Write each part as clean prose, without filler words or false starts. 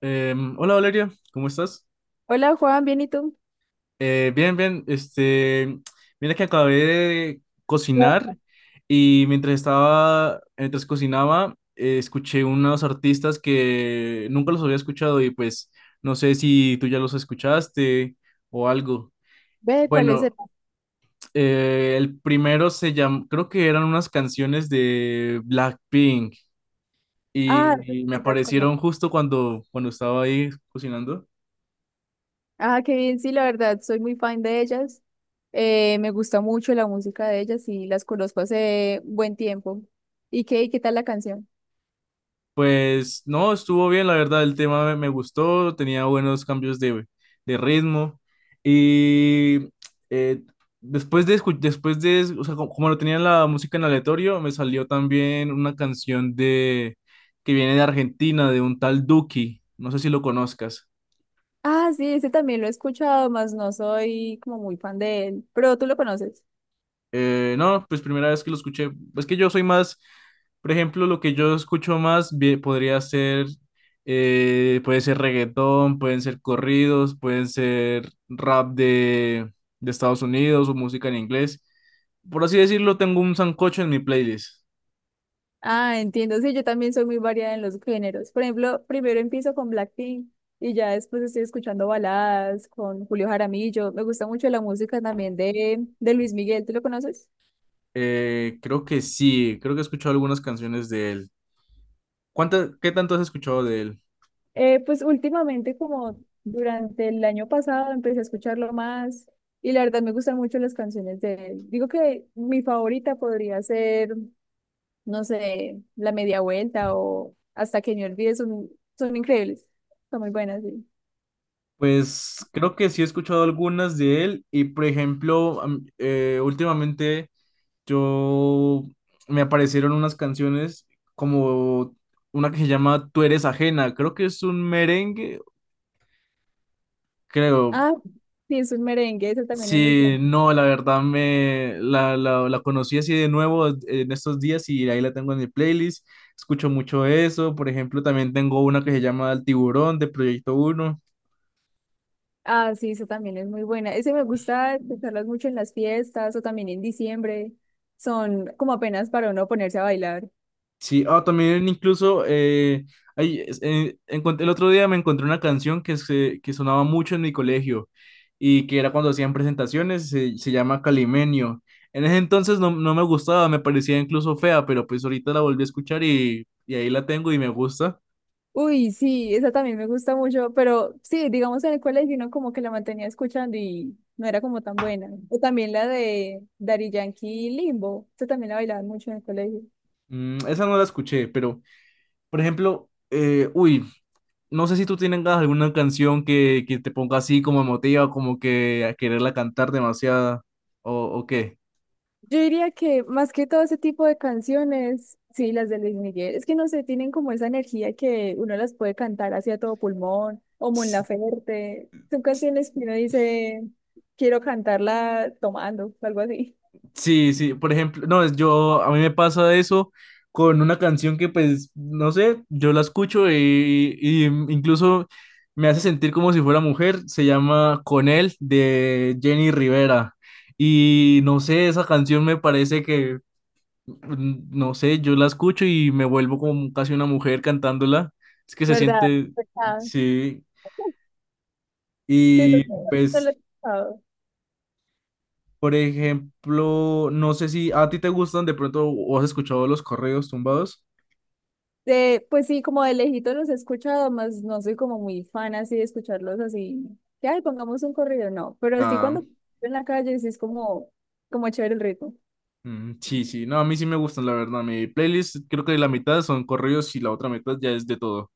Hola Valeria, ¿cómo estás? Hola Juan, ¿bien y tú? Bien, bien. Mira que acabé de No. cocinar y mientras cocinaba, escuché unos artistas que nunca los había escuchado y pues no sé si tú ya los escuchaste o algo. Ve, ¿cuál es el? Bueno, el primero se llamó, creo que eran unas canciones de Blackpink Ah, y me sí las conozco. aparecieron justo cuando estaba ahí cocinando. Ah, qué bien, sí, la verdad, soy muy fan de ellas. Me gusta mucho la música de ellas y las conozco hace buen tiempo. ¿Y qué, qué tal la canción? Pues no, estuvo bien, la verdad, el tema me gustó, tenía buenos cambios de ritmo y eh, después de, escu- después de, es- o sea, como, lo tenía la música en aleatorio, me salió también una canción de que viene de Argentina, de un tal Duki, no sé si lo conozcas. Ah, sí, ese también lo he escuchado, más no soy como muy fan de él, pero tú lo conoces. No, pues primera vez que lo escuché. Es que yo soy más, por ejemplo, lo que yo escucho más bien podría ser, puede ser reggaetón, pueden ser corridos, pueden ser rap de Estados Unidos o música en inglés. Por así decirlo, tengo un sancocho en mi playlist. Ah, entiendo, sí, yo también soy muy variada en los géneros. Por ejemplo, primero empiezo con Blackpink y ya después estoy escuchando baladas con Julio Jaramillo. Me gusta mucho la música también de Luis Miguel, ¿tú lo conoces? Creo que sí, creo que he escuchado algunas canciones de él. ¿Qué tanto has escuchado de él? Pues últimamente, como durante el año pasado, empecé a escucharlo más y la verdad me gustan mucho las canciones de él. Digo que mi favorita podría ser, no sé, La Media Vuelta o Hasta que me olvide, son, son increíbles, son muy buenas, sí. Pues creo que sí he escuchado algunas de él y por ejemplo, últimamente... Yo me aparecieron unas canciones como una que se llama Tú eres ajena, creo que es un merengue, creo. Ah, sí, es un merengue, eso también es muy Sí, bueno. no, la verdad me la conocí así de nuevo en estos días y ahí la tengo en mi playlist. Escucho mucho eso, por ejemplo, también tengo una que se llama El Tiburón de Proyecto uno. Ah, sí, eso también es muy buena. Ese me gusta escucharlas mucho en las fiestas o también en diciembre. Son como apenas para uno ponerse a bailar. Sí, ah, también incluso el otro día me encontré una canción que, se, que sonaba mucho en mi colegio y que era cuando hacían presentaciones, se llama Calimenio. En ese entonces no me gustaba, me parecía incluso fea, pero pues ahorita la volví a escuchar y ahí la tengo y me gusta. Uy, sí, esa también me gusta mucho, pero sí, digamos en el colegio uno como que la mantenía escuchando y no era como tan buena. O también la de Daddy Yankee y Limbo, esa también la bailaban mucho en el colegio. Esa no la escuché, pero por ejemplo, uy, no sé si tú tienes alguna canción que te ponga así como emotiva, como que a quererla cantar demasiado o, o qué. Yo diría que más que todo ese tipo de canciones, sí, las de Luis Miguel, es que no sé, tienen como esa energía que uno las puede cantar hacia todo pulmón, o Mon Laferte, son canciones que uno dice, quiero cantarla tomando, o algo así, Sí, sí, por ejemplo, no, es yo, a mí me pasa eso con una canción que pues, no sé, yo la escucho y incluso me hace sentir como si fuera mujer, se llama Con él de Jenny Rivera y no sé, esa canción me parece que, no sé, yo la escucho y me vuelvo como casi una mujer cantándola, es que se ¿verdad? siente, Ah, sí, sí, no- y no no pues. lo he escuchado. Por ejemplo, no sé si a ti te gustan de pronto o has escuchado los correos tumbados. Pues sí, como de lejito los he escuchado, más no soy como muy fan así de escucharlos así, que ay, pongamos un corrido, no, pero así Ah, cuando en la calle sí es como, como chévere el ritmo. Sí, sí, no, a mí sí me gustan, la verdad. Mi playlist creo que la mitad son correos y la otra mitad ya es de todo.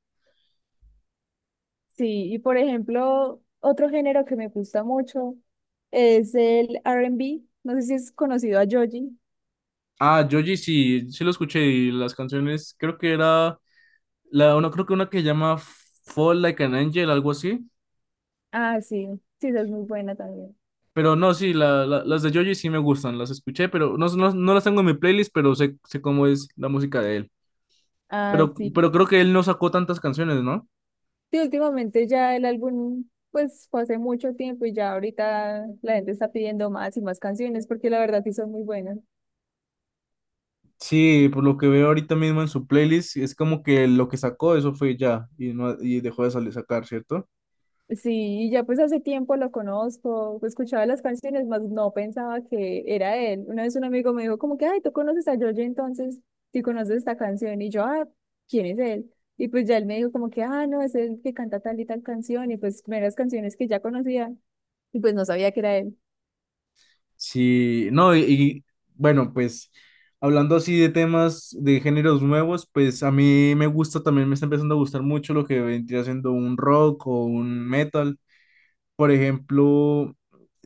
Sí, y por ejemplo, otro género que me gusta mucho es el R&B. No sé si es conocido a Joji. Ah, Joji sí, sí lo escuché y las canciones, creo que era la una, creo que una que llama Fall Like an Angel, algo así. Ah, sí, sí, esa es muy buena también. Pero no, sí, las de Joji sí me gustan, las escuché, pero no, no, no las tengo en mi playlist, pero sé cómo es la música de él. Ah, Pero sí. creo que él no sacó tantas canciones, ¿no? Sí, últimamente ya el álbum, pues fue hace mucho tiempo y ya ahorita la gente está pidiendo más y más canciones porque la verdad sí son muy buenas. Sí, por lo que veo ahorita mismo en su playlist, es como que lo que sacó, eso fue ya, y, no, y dejó de salir sacar, ¿cierto? Sí, y ya pues hace tiempo lo conozco, escuchaba las canciones, más no pensaba que era él. Una vez un amigo me dijo como que, ay, ¿tú conoces a George entonces? ¿Sí conoces esta canción? Y yo, ah, ¿quién es él? Y pues ya él me dijo como que, ah, no, es él que canta tal y tal canción, y pues primeras canciones que ya conocía, y pues no sabía que era él. Sí, no, bueno, pues hablando así de temas de géneros nuevos, pues a mí me gusta también, me está empezando a gustar mucho lo que vendría siendo un rock o un metal. Por ejemplo,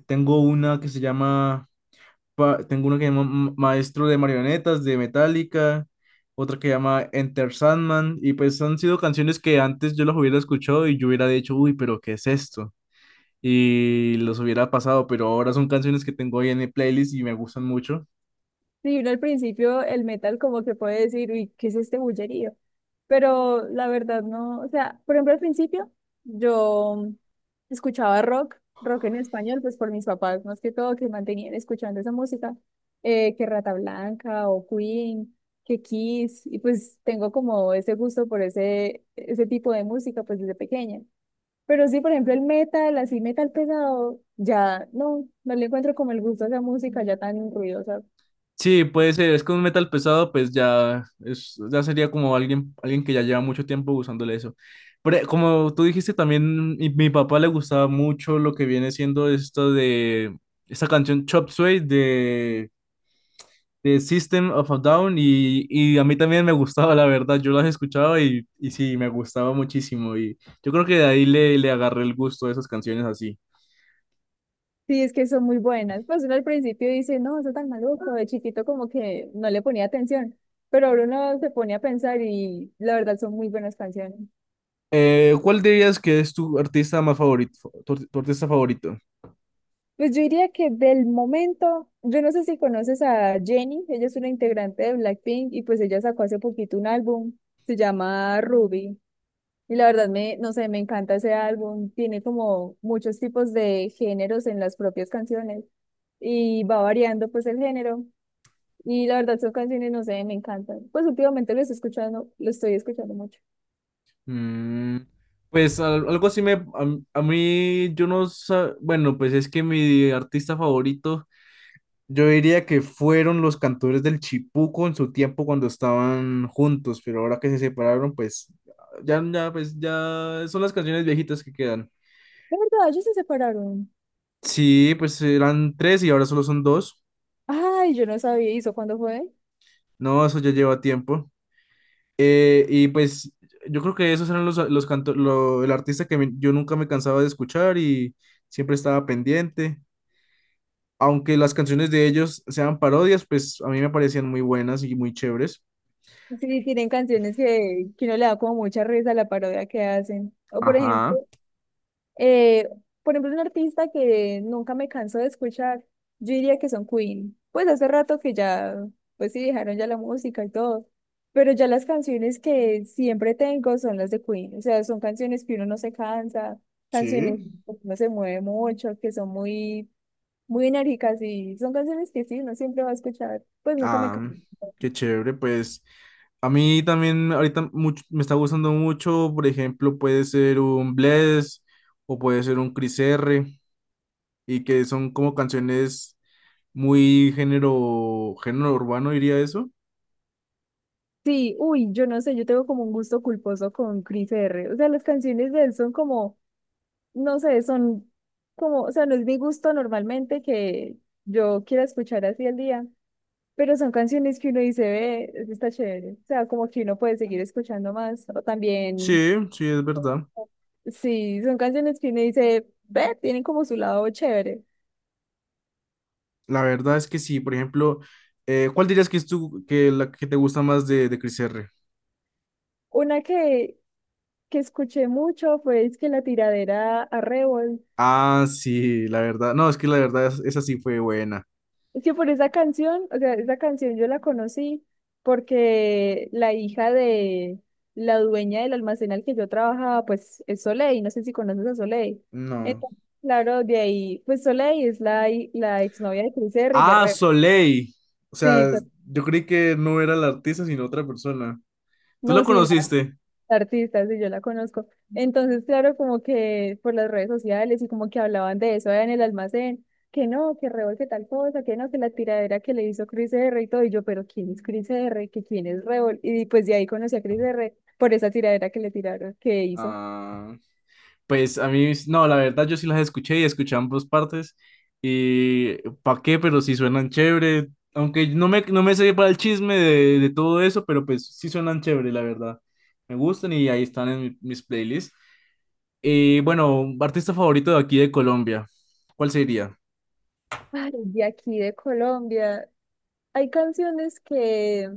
tengo una que se llama tengo uno que llama Maestro de Marionetas de Metallica, otra que llama Enter Sandman, y pues han sido canciones que antes yo las hubiera escuchado y yo hubiera dicho, uy, pero ¿qué es esto? Y los hubiera pasado, pero ahora son canciones que tengo ahí en mi playlist y me gustan mucho. Sí, uno al principio el metal como que puede decir, uy, ¿qué es este bullerío? Pero la verdad no, o sea, por ejemplo al principio yo escuchaba rock, rock en español, pues por mis papás más que todo que mantenían escuchando esa música, que Rata Blanca o Queen, que Kiss, y pues tengo como ese gusto por ese, ese tipo de música pues desde pequeña. Pero sí, por ejemplo, el metal, así metal pesado, ya no, no le encuentro como el gusto a esa música ya tan ruidosa. Sí, puede ser, es que un metal pesado, pues ya, es, ya sería como alguien que ya lleva mucho tiempo usándole eso. Pero como tú dijiste también, mi papá le gustaba mucho lo que viene siendo esto de esta canción Chop Suey de System of a Down y a mí también me gustaba, la verdad, yo las escuchaba y sí, me gustaba muchísimo y yo creo que de ahí le agarré el gusto a esas canciones así. Sí, es que son muy buenas. Pues uno al principio dice, no, eso es tan maluco, de chiquito como que no le ponía atención, pero ahora uno se pone a pensar y la verdad son muy buenas canciones. ¿Cuál dirías que es tu artista más favorito, tu artista favorito? Pues yo diría que del momento, yo no sé si conoces a Jennie, ella es una integrante de Blackpink y pues ella sacó hace poquito un álbum, se llama Ruby. Y la verdad me, no sé, me encanta ese álbum, tiene como muchos tipos de géneros en las propias canciones y va variando pues el género. Y la verdad son canciones, no sé, me encantan. Pues últimamente lo estoy escuchando mucho. Mm, pues algo así a mí yo no sa- bueno, pues es que mi artista favorito. Yo diría que fueron los cantores del Chipuco en su tiempo cuando estaban juntos, pero ahora que se separaron, pues ya son las canciones viejitas que quedan. ¿De verdad? Ellos se separaron. Sí, pues eran tres y ahora solo son dos. Ay, yo no sabía, ¿y eso cuándo fue? No, eso ya lleva tiempo. Y pues yo creo que esos eran el artista que yo nunca me cansaba de escuchar y siempre estaba pendiente. Aunque las canciones de ellos sean parodias, pues a mí me parecían muy buenas y muy chéveres. Sí, tienen canciones que uno le da como mucha risa a la parodia que hacen. O Ajá, eh, por ejemplo, un artista que nunca me canso de escuchar, yo diría que son Queen. Pues hace rato que ya, pues sí, dejaron ya la música y todo. Pero ya las canciones que siempre tengo son las de Queen. O sea, son canciones que uno no se cansa, canciones sí. que uno se mueve mucho, que son muy, muy enérgicas y son canciones que sí, uno siempre va a escuchar. Pues nunca me Ah, canso. qué chévere, pues a mí también ahorita mucho, me está gustando mucho, por ejemplo, puede ser un Bless o puede ser un Cris R, y que son como canciones muy género urbano, diría eso. Sí, uy, yo no sé, yo tengo como un gusto culposo con Chris R. O sea, las canciones de él son como, no sé, son como, o sea, no es mi gusto normalmente que yo quiera escuchar así al día, pero son canciones que uno dice, ve, eso está chévere. O sea, como que uno puede seguir escuchando más. O también, Sí, sí, es verdad. sí, son canciones que uno dice, ve, tienen como su lado chévere. La verdad es que sí, por ejemplo, ¿cuál dirías que es que la que te gusta más de Cris R? Una que escuché mucho fue es que la tiradera a Revol. Ah, sí, la verdad, no, es que la verdad esa sí fue buena. Es que por esa canción, o sea, esa canción yo la conocí porque la hija de la dueña del almacén al que yo trabajaba, pues es Soleil, no sé si conoces a Soleil. No. Entonces, claro, de ahí, pues Soleil es la, la exnovia de Chris Herry, de Ah, Rep. Soleil. O Sí, sea, so- yo creí que no era la artista, sino otra persona. ¿Tú la no, sí, conociste? artistas y yo la conozco. Entonces, claro, como que por las redes sociales y como que hablaban de eso allá en el almacén, que no, que Rebol, que tal cosa, que no, que la tiradera que le hizo Chris R y todo, y yo, pero ¿quién es Chris R? ¿Que quién es Rebol? Y pues de ahí conocí a Chris R por esa tiradera que le tiraron, que hizo. Ah. Pues a mí, no, la verdad yo sí las escuché y escuché ambas partes. Y pa' qué, pero sí suenan chévere. Aunque no me sé para el chisme de todo eso, pero pues sí suenan chévere, la verdad. Me gustan y ahí están en mis playlists. Y bueno, artista favorito de aquí de Colombia, ¿cuál sería? Ay, de aquí de Colombia, hay canciones que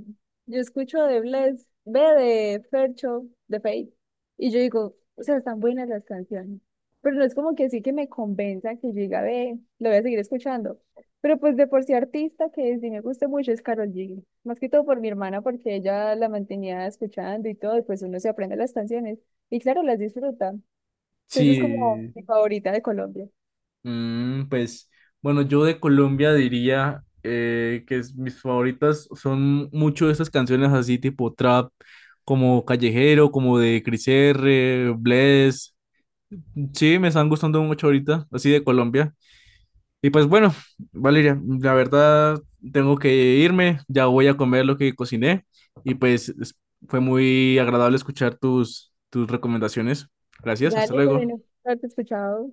yo escucho de Bless, ve de Fercho, de Fate, y yo digo, o sea, están buenas las canciones, pero no es como que sí que me convenza que yo diga, ve, lo voy a seguir escuchando. Pero pues de por sí artista que sí me gusta mucho es Karol G, más que todo por mi hermana porque ella la mantenía escuchando y todo, y pues uno se aprende las canciones y claro, las disfruta. Entonces es como Sí. mi favorita de Colombia. Pues bueno, yo de Colombia diría que mis favoritas son mucho de esas canciones así tipo trap, como Callejero, como de Cris R, Bless. Sí, me están gustando mucho ahorita, así de Colombia. Y pues bueno, Valeria, la verdad tengo que irme, ya voy a comer lo que cociné y pues fue muy agradable escuchar tus recomendaciones. Gracias, hasta Dale, también luego. haberte escuchado.